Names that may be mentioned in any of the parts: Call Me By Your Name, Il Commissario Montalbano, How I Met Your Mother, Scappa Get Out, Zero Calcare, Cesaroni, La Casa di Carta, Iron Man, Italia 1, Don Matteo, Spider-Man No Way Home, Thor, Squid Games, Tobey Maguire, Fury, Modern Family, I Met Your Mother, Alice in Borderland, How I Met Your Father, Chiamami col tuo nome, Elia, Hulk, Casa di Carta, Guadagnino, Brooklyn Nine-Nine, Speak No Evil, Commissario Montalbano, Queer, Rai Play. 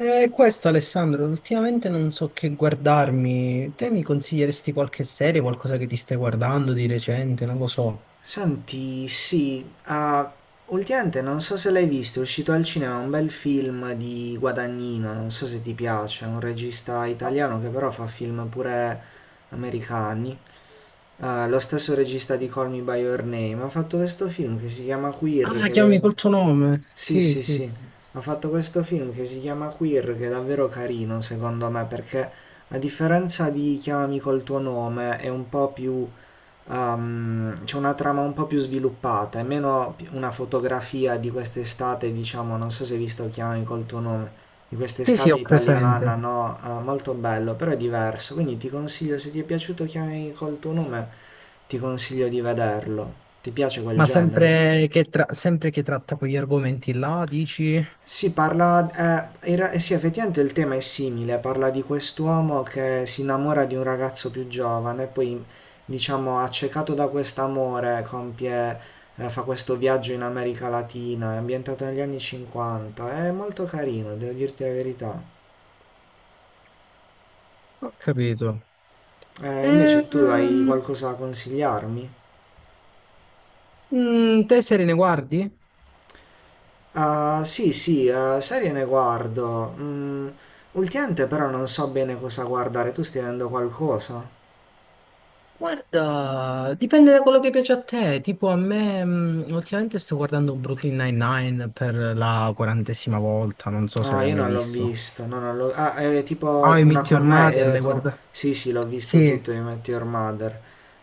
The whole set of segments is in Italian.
Questo Alessandro, ultimamente non so che guardarmi. Te mi consiglieresti qualche serie, qualcosa che ti stai guardando di recente? Non lo so. Senti, sì, ah, ultimamente non so se l'hai visto, è uscito al cinema un bel film di Guadagnino, non so se ti piace, è un regista italiano che però fa film pure americani. Ah, lo stesso regista di Call Me By Your Name ha fatto questo film che si chiama Queer, Ah, che devo chiami dire. col tuo nome. Sì, Sì, sì, sì. sì, ha fatto questo film che si chiama Queer, che è davvero carino secondo me, perché a differenza di Chiamami col tuo nome è un po' più c'è una trama un po' più sviluppata, è meno una fotografia di quest'estate, diciamo, non so se hai visto Chiamami col tuo nome, di Sì, sì, quest'estate ho italiana, presente. no? Molto bello, però è diverso, quindi ti consiglio, se ti è piaciuto Chiamami col tuo nome, ti consiglio di vederlo. Ti piace quel Ma genere? sempre che, sempre che tratta quegli argomenti là, dici? Si parla, in sì, effettivamente il tema è simile, parla di quest'uomo che si innamora di un ragazzo più giovane, poi, diciamo, accecato da quest'amore, compie, fa questo viaggio in America Latina, è ambientato negli anni '50, è molto carino, devo dirti la verità. Ho capito. Invece tu hai Ehm, qualcosa da consigliarmi? Te serie ne guardi? Ah, sì, sì, serie ne guardo. Ultimamente però non so bene cosa guardare, tu stai vedendo qualcosa? Guarda, dipende da quello che piace a te. Tipo a me, ultimamente sto guardando Brooklyn Nine-Nine per la quarantesima volta, non so se No, l'hai io mai non l'ho visto. visto. No, non l'ho... Ah, è Ah, tipo I una Meet Your con me. Mother, l'hai guardato? Sì, sì, l'ho visto tutto Sì. di Met Your Mother.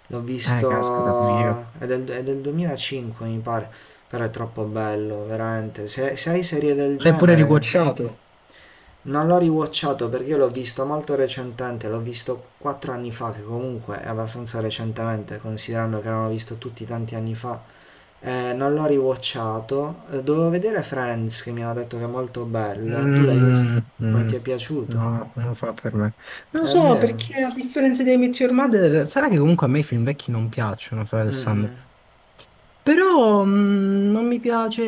L'ho visto. Caspita, pure io. È del 2005, mi pare. Però è troppo bello, veramente. Se hai serie del L'hai pure genere. riguacciato? Non l'ho riwatchato perché io l'ho visto molto recentemente. L'ho visto 4 anni fa, che comunque è abbastanza recentemente, considerando che l'hanno visto tutti tanti anni fa. Non l'ho riwatchato. Dovevo vedere Friends che mi hanno detto che è molto bello. Tu l'hai visto? Non Mm. ti è No, piaciuto? no, non lo fa per me. Non lo È so, vero? perché a differenza di I Met Your Mother, sarà che comunque a me i film vecchi non piacciono, fra Alessandro. Mm-mm. Però non mi piace,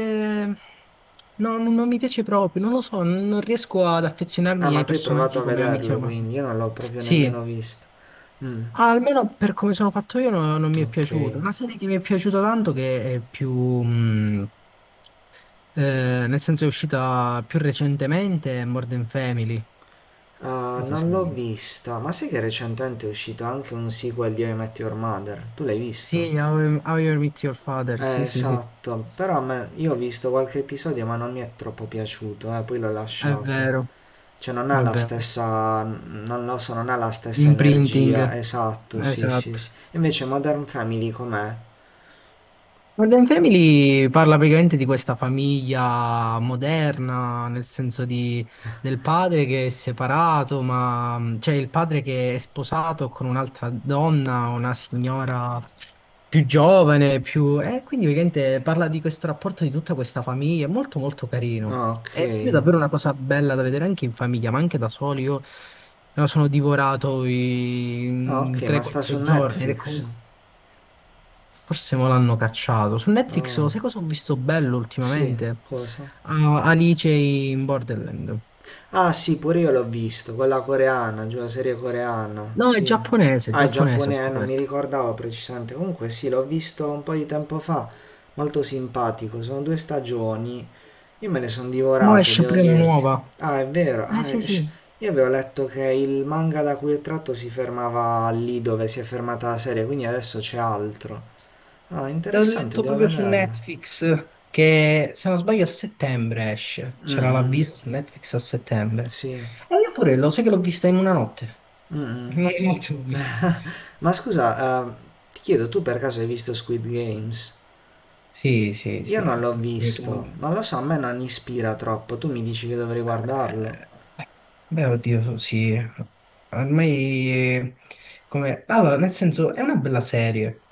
no, non mi piace proprio, non lo so, non riesco ad Ah, affezionarmi ma ai tu hai provato personaggi a come a Meteor vederlo, Man. quindi io non l'ho proprio Sì, nemmeno visto. Mm, almeno per come sono fatto io non mi è ok. piaciuto. Una serie che mi è piaciuta tanto che è mm, nel senso è uscita più recentemente, è Modern Family. Ah, Non so se non l'hai l'ho visto. vista, ma sai che recentemente è uscito anche un sequel di How I Met Your Mother? Tu l'hai visto? Sì, How I Met Your Father, sì, sì, sì, Esatto, però a me, io ho visto qualche episodio ma non mi è troppo piaciuto, poi l'ho è lasciato. vero, Cioè non è ha la vero. stessa, non lo so, non ha la stessa Imprinting, energia, esatto, sì, sì, esatto. sì. Invece Modern Family com'è? Modern Family parla praticamente di questa famiglia moderna, nel senso di, del padre che è separato, ma cioè il padre che è sposato con un'altra donna, una signora più giovane, più... E quindi praticamente parla di questo rapporto di tutta questa famiglia, è molto molto carino. Ah, ok. È proprio davvero una cosa bella da vedere anche in famiglia, ma anche da soli. Io me lo sono divorato Ah, in ok, ma sta su 3-4 giorni ed è Netflix. comunque... Forse me l'hanno cacciato. Su Netflix, lo sai Ah, cosa ho visto bello sì, ultimamente? cosa? Ah, Alice in Borderland. Ah sì, pure io l'ho visto, quella coreana, giù la serie coreana, No, sì. È Ah, è giapponese, ho giapponese, non mi scoperto. ricordavo precisamente. Comunque sì, l'ho visto un po' di tempo fa, molto simpatico, sono due stagioni. Io me le sono Mo' divorate, esce devo pure la dirti. nuova. Ah, è vero, Eh sì, sì. Io avevo letto che il manga da cui è tratto si fermava lì dove si è fermata la serie, quindi adesso c'è altro. Ah, L'ho interessante, letto devo proprio su vederlo. Netflix che, se non sbaglio, a settembre esce. Mm, C'era mm, l'avviso su Netflix a settembre. sì. E io pure lo sai che l'ho vista in una notte. Mm, mm. In una notte l'ho vista. Ma scusa, ti chiedo, tu per caso hai visto Squid Games? Sì, sì, Io non sì. l'ho Come tu. visto, non lo so, a me non ispira troppo, tu mi dici che dovrei guardarlo? Eh, Beh, oddio, sì. Ormai, come... Allora, nel senso, è una bella serie.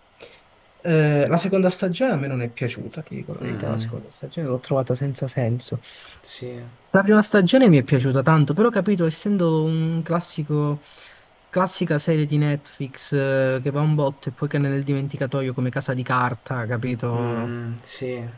La seconda stagione a me non è piaciuta, ti dico la Mm, verità. La mm, seconda stagione l'ho trovata senza senso. sì. La prima stagione mi è piaciuta tanto, però ho capito, essendo un classico, classica serie di Netflix che va un botto e poi che è nel dimenticatoio come Casa di Carta, Mm, capito? mm, sì.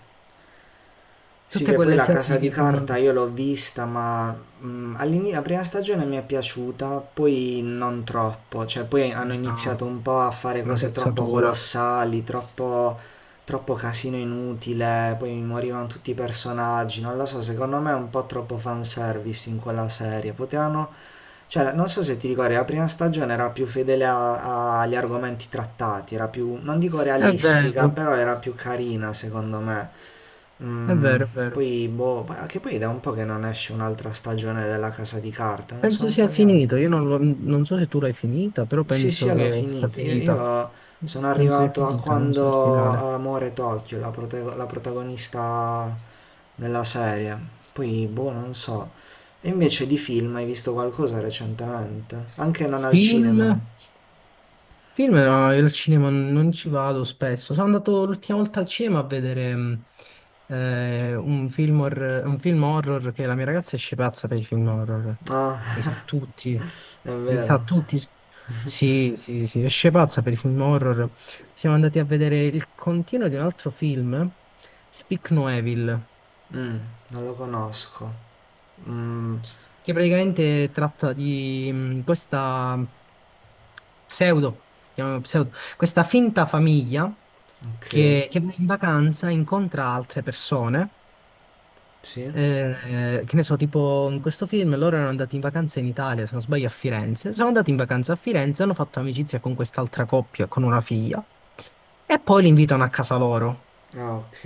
Sì, Tutte che poi quelle la casa serie di che fanno carta io l'ho vista, ma la prima stagione mi è piaciuta, poi non troppo, cioè poi hanno una, iniziato un po' a fare una cose troppo forzatura. colossali, troppo, troppo casino inutile, poi mi morivano tutti i personaggi, non lo so, secondo me è un po' troppo fanservice in quella serie, potevano cioè, non so se ti ricordi, la prima stagione era più fedele agli argomenti trattati, era più, non dico È realistica, vero, però era più carina secondo me. è Mm, vero, è vero. poi, boh, che poi da un po' che non esce un'altra stagione della Casa di Carta, non so, Penso un sia po' di anni. finito, io non, lo- non so se tu l'hai finita, però Sì, penso sì, l'ho che sia finita. Io, finita. io sono Penso sia arrivato a finita, non so il quando finale. Amore Tokyo, la protagonista della serie. Poi, boh, non so. E invece di film hai visto qualcosa recentemente? Anche non al cinema. Film? Film, no, io al cinema non ci vado spesso. Sono andato l'ultima volta al cinema a vedere un film horror che la mia ragazza esce pazza per i film horror. Li sa Ah, tutti, è li sa vero. tutti. Sì, sì, sì, esce pazza per i film horror. Siamo andati a vedere il continuo di un altro film, Speak No Evil. Mm, non lo conosco. Mm, Che praticamente tratta di questa pseudo, chiamiamola pseudo, questa finta famiglia ok. Che va in vacanza incontra altre persone. Sì? Che ne so, tipo in questo film loro erano andati in vacanza in Italia, se non sbaglio a Firenze. Sono andati in vacanza a Firenze, hanno fatto amicizia con quest'altra coppia, con una figlia, e poi li invitano a casa loro. Ah, ok.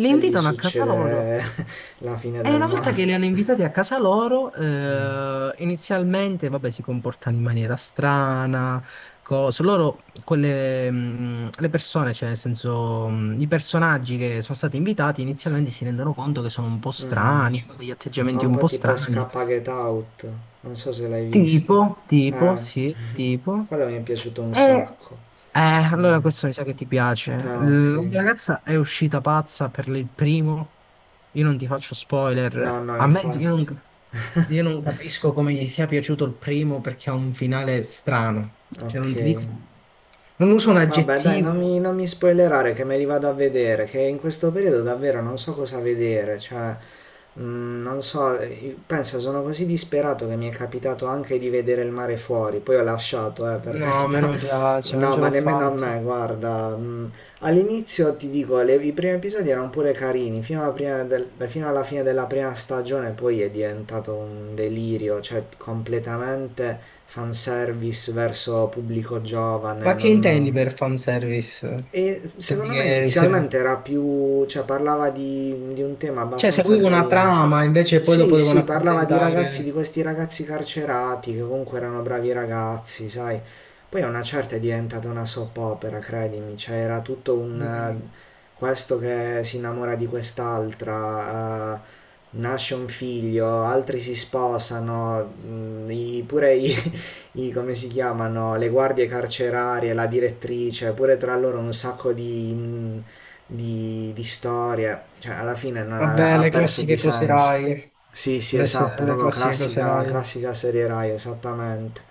Li E lì invitano a casa loro. succede la fine E del una volta che mare. li hanno invitati a casa loro, Mm, inizialmente, vabbè, si comportano in maniera strana, cose. Loro, quelle, le persone, cioè, nel senso, i personaggi che sono stati invitati, sì. inizialmente si rendono conto che sono un po' Mm, mm. strani, hanno degli Ha atteggiamenti un un po' po' tipo strani. Scappa Get Out, non so se l'hai visto. Tipo, tipo, Eh, sì, tipo. quello mi è piaciuto un E sacco. Allora Mm. questo mi sa che ti piace. Ah, ok. La mia ragazza è uscita pazza per il primo. Io non ti faccio No, spoiler. no, A me io infatti. non, Io non capisco come gli sia piaciuto il primo perché ha un finale strano. Cioè, non Ok. ti dico. Non uso un Vabbè, dai, non aggettivo. mi, non mi spoilerare che me li vado a vedere, che in questo periodo davvero non so cosa vedere, cioè non so, pensa, sono così disperato che mi è capitato anche di vedere il mare fuori, poi ho lasciato, per No, a me carità. non piace, non No, ce ma l'ho nemmeno a fatta. me, guarda. All'inizio ti dico, i primi episodi erano pure carini, fino alla, prima fino alla fine della prima stagione poi è diventato un delirio, cioè completamente fanservice verso pubblico giovane. Ma che intendi per fanservice? E Intendi secondo me che serve. inizialmente era più, cioè parlava di un tema Cioè, abbastanza seguivo una carino. trama, invece poi Sì, dopo devono sì, parlava di ragazzi, di accontentare. questi ragazzi carcerati che comunque erano bravi ragazzi, sai. Poi a una certa è diventata una soap opera, credimi, cioè era tutto un, Mm, questo che si innamora di quest'altra, nasce un figlio, altri si sposano, pure i, come si chiamano, le guardie carcerarie, la direttrice, pure tra loro un sacco di storie, cioè alla fine non ha Vabbè, ha le perso di classiche cose senso. Rai. Sì, sì, Le, esatto, se- Le proprio classiche cose classica, Rai. classica serie Rai, esattamente.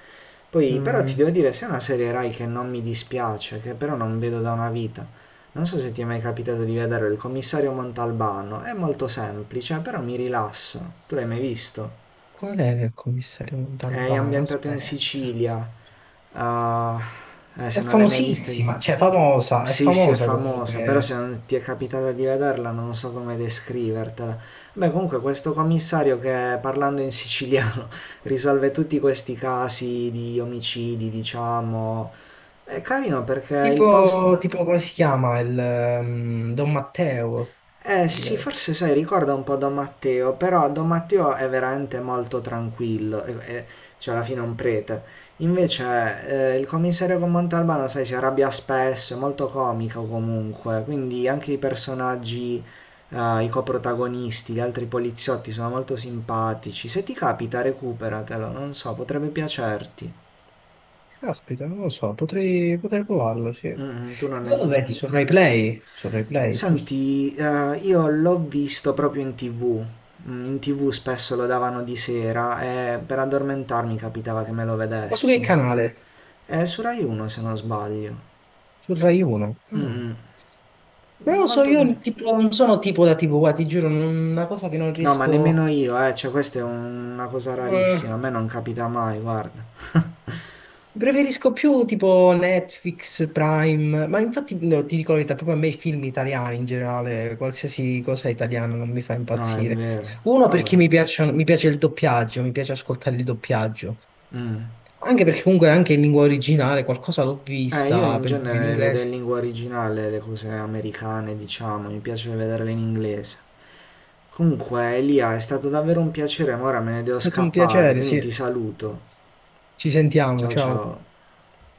Poi, però ti Mm, devo dire, se è una serie Rai che non mi dispiace, che però non vedo da una vita. Non so se ti è mai capitato di vedere il commissario Montalbano, è molto semplice, però mi rilassa. Tu l'hai mai visto? Qual era il commissario È Montalbano? ambientato in Aspetta. Sicilia. Ah, È se non l'hai mai visto. famosissima, cioè famosa, è Sì, sì, è famosa famosa, però se comunque. non ti è capitato di vederla non so come descrivertela. Beh, comunque questo commissario che parlando in siciliano risolve tutti questi casi di omicidi, diciamo, è carino perché il Tipo, posto. tipo come si chiama il Don Matteo Eh sì, stile. forse sai, ricorda un po' Don Matteo, però Don Matteo è veramente molto tranquillo, cioè alla fine è un prete. Invece il commissario con Montalbano, sai, si arrabbia spesso, è molto comico comunque, quindi anche i personaggi, i coprotagonisti, gli altri poliziotti sono molto simpatici. Se ti capita, recuperatelo, non so, potrebbe piacerti. Caspita, non lo so, potrei, potrei provarlo, sì. E Mm, mm, tu non ne... dove lo vedi? Su Rai Play? Su Rai Play, giusto? Senti, io l'ho visto proprio in TV. In TV spesso lo davano di sera e per addormentarmi capitava che me lo Ma su che vedessi. canale? È su Rai 1 se non sbaglio. Su Rai 1? Ah. Mm, Non mm, lo so, molto io carino. tipo, non sono tipo da tipo, guarda, ti giuro, una cosa che non No, ma riesco... nemmeno io, cioè questa è una cosa Mm. rarissima, a me non capita mai, guarda. Preferisco più tipo Netflix, Prime, ma infatti no, ti dico la verità, proprio a me i film italiani in generale, qualsiasi cosa italiana non mi fa No, è impazzire. vero. Uno Vabbè. perché mi piace il doppiaggio, mi piace ascoltare il doppiaggio. Mm. Anche perché comunque anche in lingua originale qualcosa l'ho Io vista, in per esempio in genere vedo in inglese. lingua originale le cose americane, diciamo, mi piace vederle in inglese. Comunque, Elia, è stato davvero un piacere, ma ora me ne devo Stato un scappare, piacere, quindi sì. ti saluto. Ci sentiamo, Ciao ciao. ciao.